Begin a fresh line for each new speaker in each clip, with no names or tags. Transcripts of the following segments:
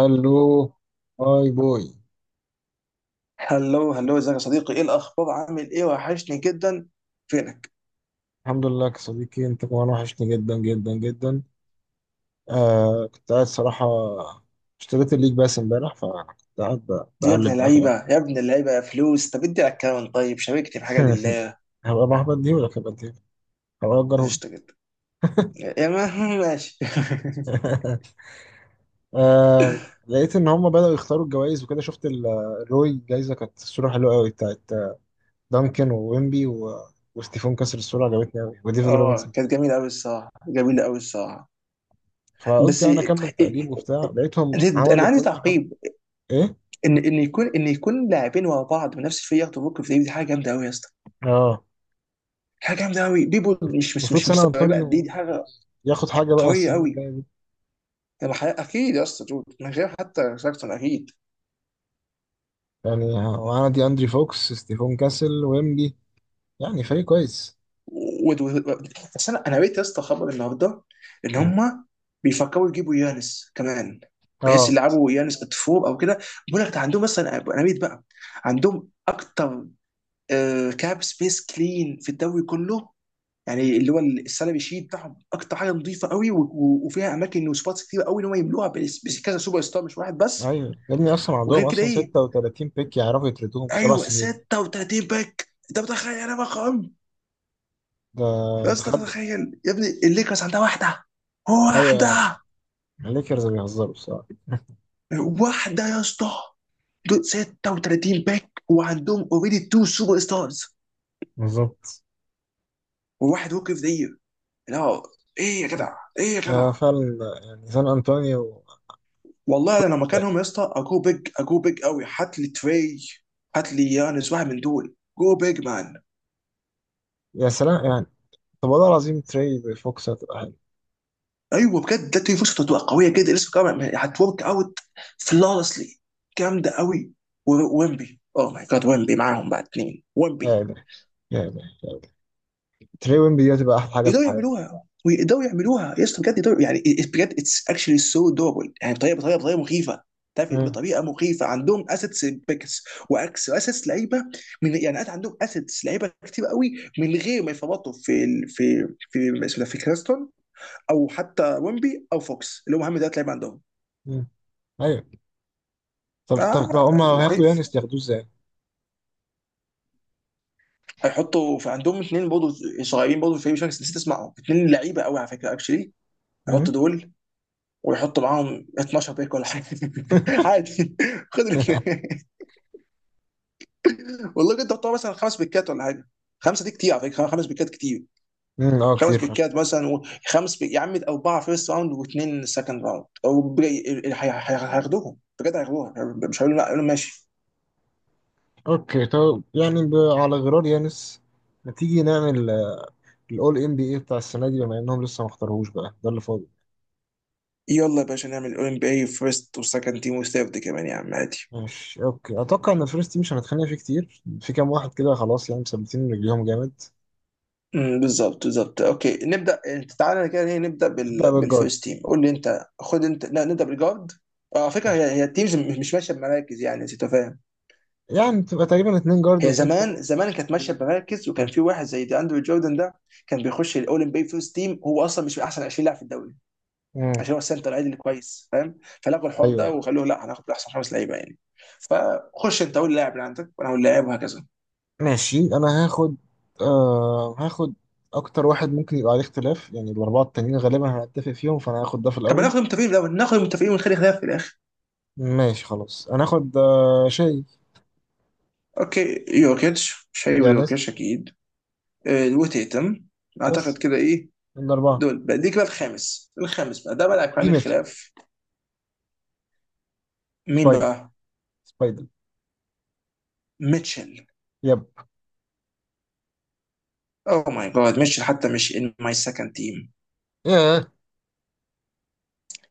الو. هاي بوي.
هلو هلو، ازيك يا صديقي؟ ايه الاخبار؟ عامل ايه؟ وحشني جدا. فينك؟
الحمد لله يا صديقي، انت كمان وحشني جدا جدا جدا. آه، كنت قاعد صراحة. اشتريت الليج باس امبارح، فكنت قاعد
يا ابن
بقلب بقى في
اللعيبه
الاب.
يا ابن اللعيبه، يا فلوس. طب ادي الاكونت، طيب شاركني في حاجه لله.
هبقى محبط دي ولا هبقى دي؟ هبقى اجره لي.
قشطه جدا. يا ما ماشي.
آه، لقيت ان هم بدأوا يختاروا الجوائز وكده، شفت الروي، الجايزة كانت الصورة حلوة قوي بتاعت دانكن وويمبي وستيفون كسر، الصورة عجبتني قوي، وديفيد
اه
روبنسون.
كانت جميله قوي الصراحه، جميله قوي الصراحه.
فقلت
بس إيه-
يعني اكمل تقليب
إيه-
وبتاع، لقيتهم
إيه، انا
عملوا
عندي
كل حاجة.
تعقيب.
ايه
ان يكون لاعبين ورا بعض بنفس الفريق ياخدوا بوك، في دي حاجه جامده قوي يا اسطى.
اه.
حاجه جامده قوي دي، بول مش مش مش
المفروض
مش
سان
مستوعبه قد ايه دي
أنطونيو يعني
حاجه.
ياخد حاجة بقى
قويه
السنين
قوي.
الجاية دي.
اكيد يا اسطى دود من غير حتى ساكتون اكيد.
يعني وأنا دي أندري فوكس، ستيفون كاسل، ويمبي، يعني فريق كويس.
و- و- و- بس انا قريت يا اسطى خبر النهارده ان
مم.
هم بيفكروا يجيبوا يانس كمان، بحيث
اه.
يلعبوا يانس اتفور او كده. بيقول لك ده عندهم مثلا، انا قريت بقى، عندهم اكتر آه، كاب سبيس كلين في الدوري كله. يعني اللي هو السالري شيت بتاعهم اكتر حاجه نظيفه قوي، و- و- وفيها اماكن وسبوتس كتير قوي ان هم يملوها بس كذا سوبر ستار مش واحد بس.
ايوه يا ابني، اصلا عندهم
وغير كده
اصلا
ايه؟
36 بيك يعرفوا يتردوهم في سبع
ايوه
سنين
36 باك، انت متخيل؟ انا رقم
ده
يا اسطى،
تخلف.
تتخيل يا ابني؟ الليكرز عندها واحده.
ايوه.
واحده.
الليكرز بيهزروا بصراحه.
واحده يا اسطى. دول 36 باك، وعندهم اوريدي تو سوبر ستارز،
بالظبط.
وواحد ووك اوف ذا يير. لا، ايه يا جدع؟ ايه يا
يا
جدع؟
فعلا، يعني سان انطونيو.
والله انا لو
باك.
مكانهم يا اسطى، اجو بيج اجو بيج قوي. هات لي تري، هات لي يانس، واحد من دول. جو بيج مان.
يا سلام يعني. طب والله العظيم، تري فوكس هتبقى حلو.
ايوه بجد، ده تري فرصه تبقى قويه جدا. لسه كمان هتورك اوت فلawlessly. جامده قوي. ويمبي، اوه ماي جاد، ويمبي معاهم بقى، اتنين ويمبي.
يعني يعني تري ويمبي دي هتبقى احلى حاجه في
ويقدروا
الحياه.
يعملوها ويقدروا يعملوها يا اسطى بجد يقدروا. يعني بجد اتس اكشلي سو دوبل. يعني بطريقه مخيفه. تعرف إيه؟
مم.
بطريقه مخيفه. عندهم اسيتس بيكس واكس اسيتس لعيبه. من يعني قاعد عندهم اسيتس لعيبه كتير قوي من غير ما يفرطوا في اسمه ده، في كريستون او حتى ويمبي او فوكس، اللي هم اهم ثلاث لعيبه عندهم.
مم. ايوه. طب طب لو
آه،
هما هياخدوا
مخيف.
يانس، ياخدوه ازاي؟
هيحطوا في عندهم اثنين برضه صغيرين برضه في الفريق، مش عارف، نسيت اسمعهم، اثنين لعيبه قوي على فكره اكشلي.
مم؟
هيحطوا دول، ويحطوا معاهم 12 بيك ولا حاجه. عادي. خد ال- والله كنت بتوع مثلا خمس بيكات ولا حاجه. خمسه دي كتير على فكره، خمس بيكات كتير.
مم، اه
خمس
كتير فشخ.
بيكات مثلا، يا عم اربعه فيرست راوند واثنين سكند راوند او بي- ال- ال- هي- هي- هياخدوهم بجد، هياخدوها. مش هيقولوا لا، هيقولوا ماشي.
اوكي، طب يعني على غرار يانس، ما تيجي نعمل الاول ام بي اي بتاع السنه دي، بما انهم لسه ما اختاروهوش بقى، ده اللي فاضل.
يلا يا باشا نعمل اولمبي فيرست وسكند تيم وثيرد كمان يا عم، عادي.
ماشي. اوكي، اتوقع ان الفيرست تيم مش هنتخانق فيه كتير، في كام واحد كده خلاص يعني مثبتين رجليهم جامد.
امم، بالظبط. اوكي، نبدا. انت تعالى كده، هي نبدا
ابدا بالجارد.
بالفيرست تيم. قول لي انت، خد انت، لا نبدا بالجارد. اه على فكره،
ماشي.
هي التيمز مش ماشيه بمراكز، يعني انت فاهم.
يعني تبقى تقريبا اتنين جارد
هي
واتنين
زمان
فورورد.
زمان كانت ماشيه
و-
بمراكز، وكان
مم.
في واحد زي دي، اندرو جوردن ده، كان بيخش الاولمبي بي فيرست تيم، هو اصلا مش من احسن 20 لاعب في الدوري، عشان هو السنتر العادي اللي كويس فاهم. فلغوا الحوار
ايوه
ده
أيوه.
وخلوه، لا هناخد احسن خمس لعيبه يعني. فخش انت قول اللاعب اللي عندك وانا اقول اللاعب، وهكذا.
ماشي انا هاخد. آه، هاخد اكتر واحد ممكن يبقى عليه اختلاف، يعني الاربعه التانيين غالبا هنتفق فيهم، فانا هاخد ده في
طب
الاول.
هناخد المتفقين الاول، ناخد المتفقين ونخلي خلاف في الاخر.
ماشي خلاص، انا هاخد. آه شاي.
اوكي، يوكيتش مش هيبقى، يوكيتش
يانس.
اكيد. آه، وتيتم، اعتقد
بس
كده. ايه؟
من الاربعه.
دول بقى دي كده، الخامس، الخامس بقى ده بقى اللي هيكون
دي
عليه
ماتش.
الخلاف. مين
سبايدر
بقى؟
سبايدر.
ميتشل؟
يب.
اوه ماي جاد، ميتشل حتى مش ان ماي سكند تيم.
ياه.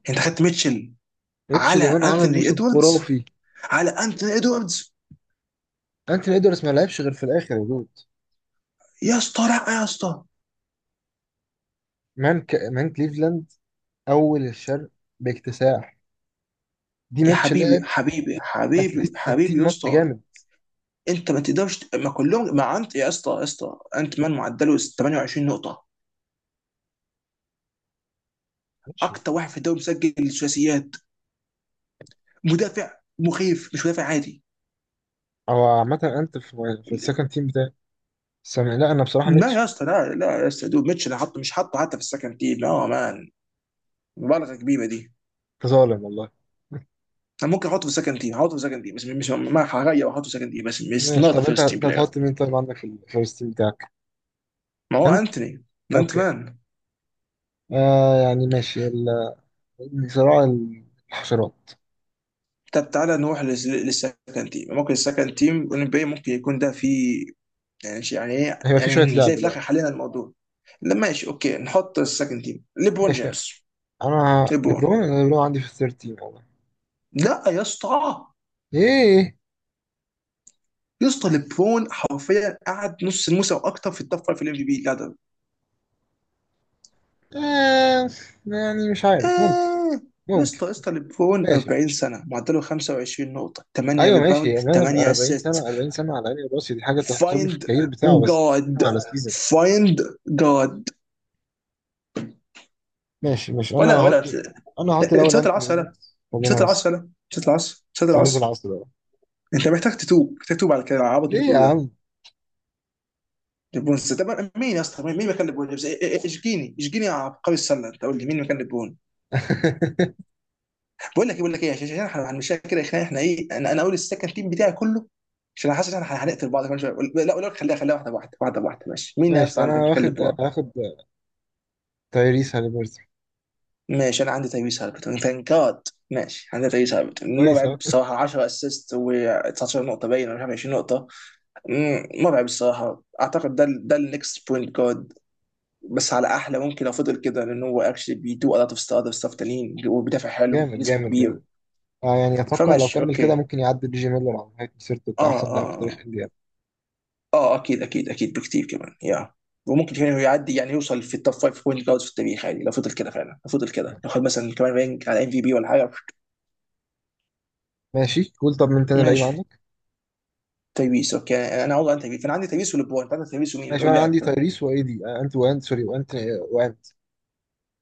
انت خدت ميتشل
ريتش
على
ليمان عمل
انثوني
موسم
ادواردز؟
خرافي.
على انثوني ادواردز؟
انتوني ادوارز ما لعبش غير في الاخر يا دود.
يا اسطى لا يا اسطى،
مان كليفلاند، اول الشرق، باكتساح. دي
يا
ماتش لعب
حبيبي حبيبي حبيبي
اتليست
حبيبي
60
يا
ماتش
اسطى.
جامد.
انت ما تقدرش ت- ما كلهم ما انت يا اسطى يا اسطى، انت مان معدله 28 نقطه،
ماشي.
اكتر واحد في الدوري مسجل ثلاثيات، مدافع مخيف، مش مدافع عادي.
او عامه، انت في السكند تيم. سامي، لا انا بصراحه
لا
ميتش.
يا اسطى، لا لا يا اسطى، دول ميتشل حطه، مش حطه حتى في السكند تيم، لا مان. مبالغه كبيره دي.
ظالم والله.
انا ممكن احطه في السكند تيم، احطه في السكند تيم، بس مش ما هغير واحطه في السكند تيم، بس مش
ماشي،
نوت
طب انت
فيرست تيم
انت
بلاير.
هتحط مين طيب عندك في الفيرست تيم بتاعك؟
ما هو
انت.
انتوني، انت
اوكي.
مان.
آه يعني ماشي صراع الحشرات.
طب تعالى نروح للسكند تيم، ممكن السكند تيم NBA ممكن يكون ده فيه. يعني شيء، يعني ايه
هيبقى في
يعني،
شويه
نلاقي
لعب
في الاخر
ده.
حلينا الموضوع. لا ماشي اوكي، نحط السكند تيم ليبرون
ماشي.
جيمس.
انا
ليبرون؟
ليبرون أنا ليبرون عندي في الثيرد تيم والله.
لا يا اسطى،
ايه.
يا اسطى، ليبرون حرفيا قعد نص الموسم واكتر في التوب فايف في الام في بي.
آه يعني مش عارف، ممكن.
آه، يا
ممكن.
اسطى يا اسطى، ليبرون
ماشي.
40 سنة معدله 25 نقطة 8
ايوه ماشي،
ريباوند
يعني انا
8
40
اسيست.
سنه، 40 سنه على عيني وراسي، دي حاجه تحسب لي في
فايند
الكارير بتاعه، بس
جاد،
بتكلم على السيزون.
فايند جاد.
ماشي ماشي. انا
ولا
هحط
ولا،
انا هحط الاول
نسيت
انتوني
العصر ده،
ادوردز،
نسيت
خلينا بس.
العصر ده، نسيت العصر، نسيت
صليت
العصر.
العصر بقى.
انت محتاج تتوب، محتاج تتوب على كده، على العبط اللي
ليه
انت
يا
بتقوله ده.
عم؟
ليبرون؟ طب مين يا اسطى مين مكان ليبرون جيمس؟ إيه- إيه- إيه، اشجيني اشجيني يا عبقري السلة، انت قول لي مين مكان ليبرون. بقول لك ايه، بقول لك ايه، عشان احنا هنمشيها كده يا اخي، احنا ايه، انا اقول السكند تيم بتاعي كله، عشان انا حاسس ان احنا هنقتل بعض كمان شويه. لا لا لا، خليها خليها، واحده واحده واحده واحده، ماشي. مين الناس
ماشي
عندك؟
انا
نتكلم
واخد،
بقى.
هاخد تايريس هاليبرتون.
ماشي، انا عندي تايويس هالبرتون، ثانك جاد. ماشي، عندي تايويس هالبرتون،
كويس
مرعب
اهو.
الصراحه، 10 اسيست و19 نقطه، باين، ولا مش عارف 20 نقطه. مم، مرعب الصراحه، اعتقد ده ده النكست بوينت جارد. بس على احلى ممكن لو فضل كده، لان هو اكشلي بيدو a lot of stuff تانيين، وبيدافع حلو،
جامد
جسمه
جامد
كبير.
جامد. آه يعني اتوقع لو
فماشي
كمل كده،
اوكي.
ممكن يعدي دي جي ميلر على نهايه مسيرته
اه
كاحسن لاعب
اه
في تاريخ
آه.
انديانا.
اه اكيد اكيد اكيد، بكتير كمان يا. وممكن كمان هو يعدي، يعني يوصل في التوب 5 بوينت جاردز في التاريخ، عادي لو فضل كده، فعلا لو فضل كده، لو خد مثلا كمان رانك على ام في بي ولا حاجه.
ماشي، قول طب من تاني لعيب
ماشي،
عندك.
تايبيس اوكي. انا عاوز عن تايبيس، انا عندي تايبيس ولبرون، انت عندك تايبيس، ومين
ماشي،
تقول
وانا
لاعب
عندي
كمان؟
تايريس وايدي. انت وانت سوري، وانت. وانت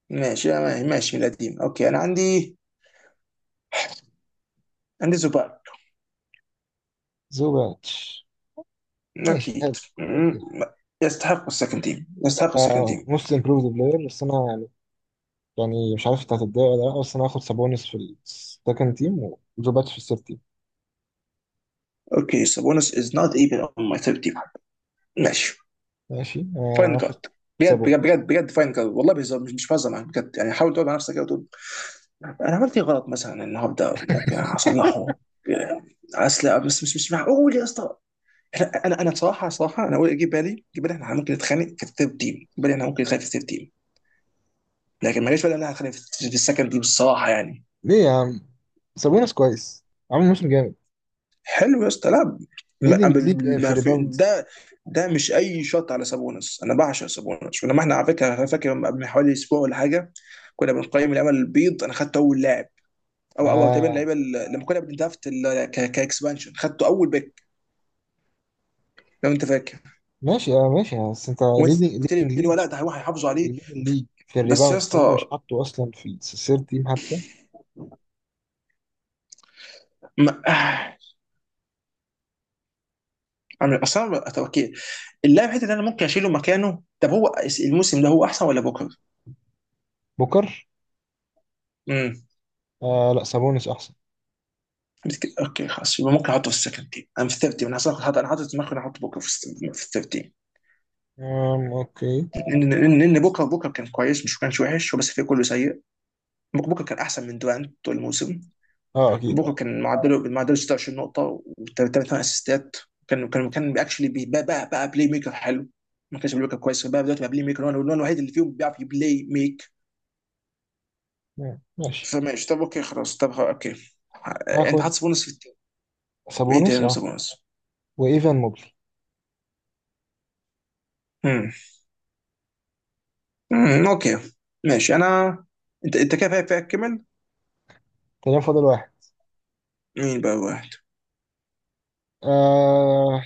ماشي أنا، ماشي من القديم. اوكي انا عندي، عندي زوباك.
زوباتش. ماشي
اكيد.
حلو.
مم.
اوكي.
يستحق السكند تيم، يستحق السكند
آه،
تيم.
موست امبروفد بلاير، بس انا يعني مش عارف انت هتتضايق ولا لا، بس انا هاخد سابونس في السكند تيم، وزوباتش في الثيرد تيم.
اوكي، سابونس از نوت ايفن اون ماي ثيرد تيم. ماشي.
ماشي آه،
فاين
واخد
جارد. بجد بجد
سابونس.
بجد بجد، فاين جارد والله. بهزر، مش بهزر معاك بجد. يعني حاول تقعد مع نفسك كده وتقول انا عملت ايه غلط مثلا النهارده ممكن اصلحه. اصل بس مش معقول يا اسطى. انا صراحه صراحه، انا اقول اجيب بالي اجيب بالي احنا ممكن نتخانق في الثيرد تيم، اجيب بالي احنا ممكن نتخانق في الثيرد تيم، لكن ما جاش بالي ان احنا هنتخانق في السكند تيم الصراحه يعني.
ليه يا عم؟ سابونس كويس، عامل موسم جامد،
حلو يا اسطى، لا. ما
ليدنج ليج في
ما في
الريباوندز.
ده، ده مش اي شط على سابونس، انا بعشق سابونس. ولما احنا على فكره، انا فاكر من حوالي اسبوع ولا حاجه كنا بنقيم اللعيبه البيض، انا خدت اول لاعب، او تقريبا
آه
اللعيبه لما كنا بندرافت كاكسبانشن، خدته اول باك، لو انت فاكر.
ماشي، اه ماشي، بس انت
وانت
ليدنج
قلت
ليدنج
لي اللي هو
ليج،
لا، ده هيروح هيحافظوا عليه.
ليدنج ليج في
بس يا
الريباوندز، وانت
اسطى،
مش حاطه اصلا في سير تيم حتى.
ما... آه. أنا- اصلا ما- طب اوكي، اللاعب حته اللي انا ممكن اشيله مكانه، طب هو الموسم ده هو احسن ولا بوكر؟
بوكر.
امم.
آه لا، سابونس احسن.
اوكي خلاص، يبقى ممكن احطه في السكند تيم، انا في الثيرد تيم انا أصلاً حاطط، انا حاطط في دماغي إن أنا احط بوكر في الثيرد تيم.
آم اوكي.
لان لأن بوكر كان كويس، مش كانش وحش هو، بس الفريق كله سيء. بوكر كان احسن من دورانت طول الموسم.
اه اكيد
بوكا
اه.
كان معدله، معدله 26 نقطة و3 اسيستات. كان اكشلي بقى بلاي ميكر حلو، ما كانش بلاي ميكر كويس، بقى دلوقتي بقى بلاي ميكر، هو الوحيد اللي فيهم بيعرف يبلاي ميك.
مم، ماشي.
فماشي طب اوكي خلاص، طب خلاص، اوكي. آه، انت
هاخد
حاطط سبونس في التيم. ايه تاني
سابونس
غير
اه.
سبونس؟
وايفان موبلي.
امم، أمم، اوكي. ماشي انا. انت انت كده، فريقك، فريقك كمل.
تمام، فاضل واحد.
مين بقى واحد؟
آه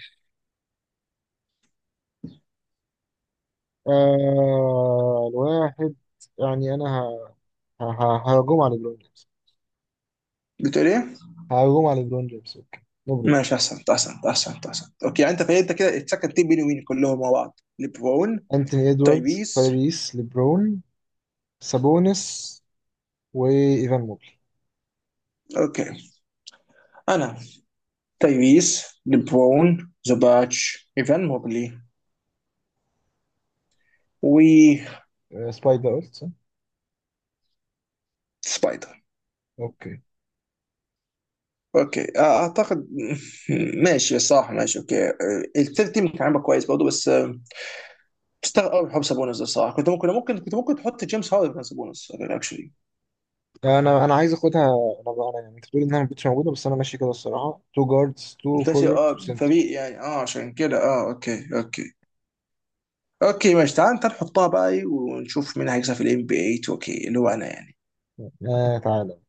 الواحد. يعني انا ههجوم على ليبرون جيمس.
بتقول ايه؟
ههجوم على ليبرون جيمس، اوكي. نبرد.
ماشي احسنت احسنت احسنت احسنت، اوكي. يعني انت كده اتسكت تيم بيني وبيني كلهم مع بعض. ليبرون،
انتوني ادواردز،
تايبيس،
تايريس، ليبرون، سابونس، وايفان موبلي.
اوكي. انا، تايريس، لبرون، ذا باتش، ايفان موبلي، و
سباي ده قلت صح؟
سبايدر.
اوكي.
اوكي، اعتقد. ماشي الصراحه، ماشي اوكي. آه، الثيرد تيم كان عامل كويس برضه، بس تستغرب قوي حب سابونز الصراحه، كنت ممكن، ممكن كنت ممكن تحط جيمس هاردن مكان سابونز اكشلي.
انا عايز اخدها. انا بقى انا يعني، انت بتقول انها ما كنتش موجوده، بس انا ماشي كده الصراحه، تو جاردز تو
انت شيء
فوروردز
اه
وسنتر.
فريق، يعني اه، عشان كده اه، اوكي اوكي. اوكي ماشي، تعال تعال نحطها بقى، ونشوف مين هيكسب في الام بي اي 2 كي، اللي هو انا يعني.
آه تعالى.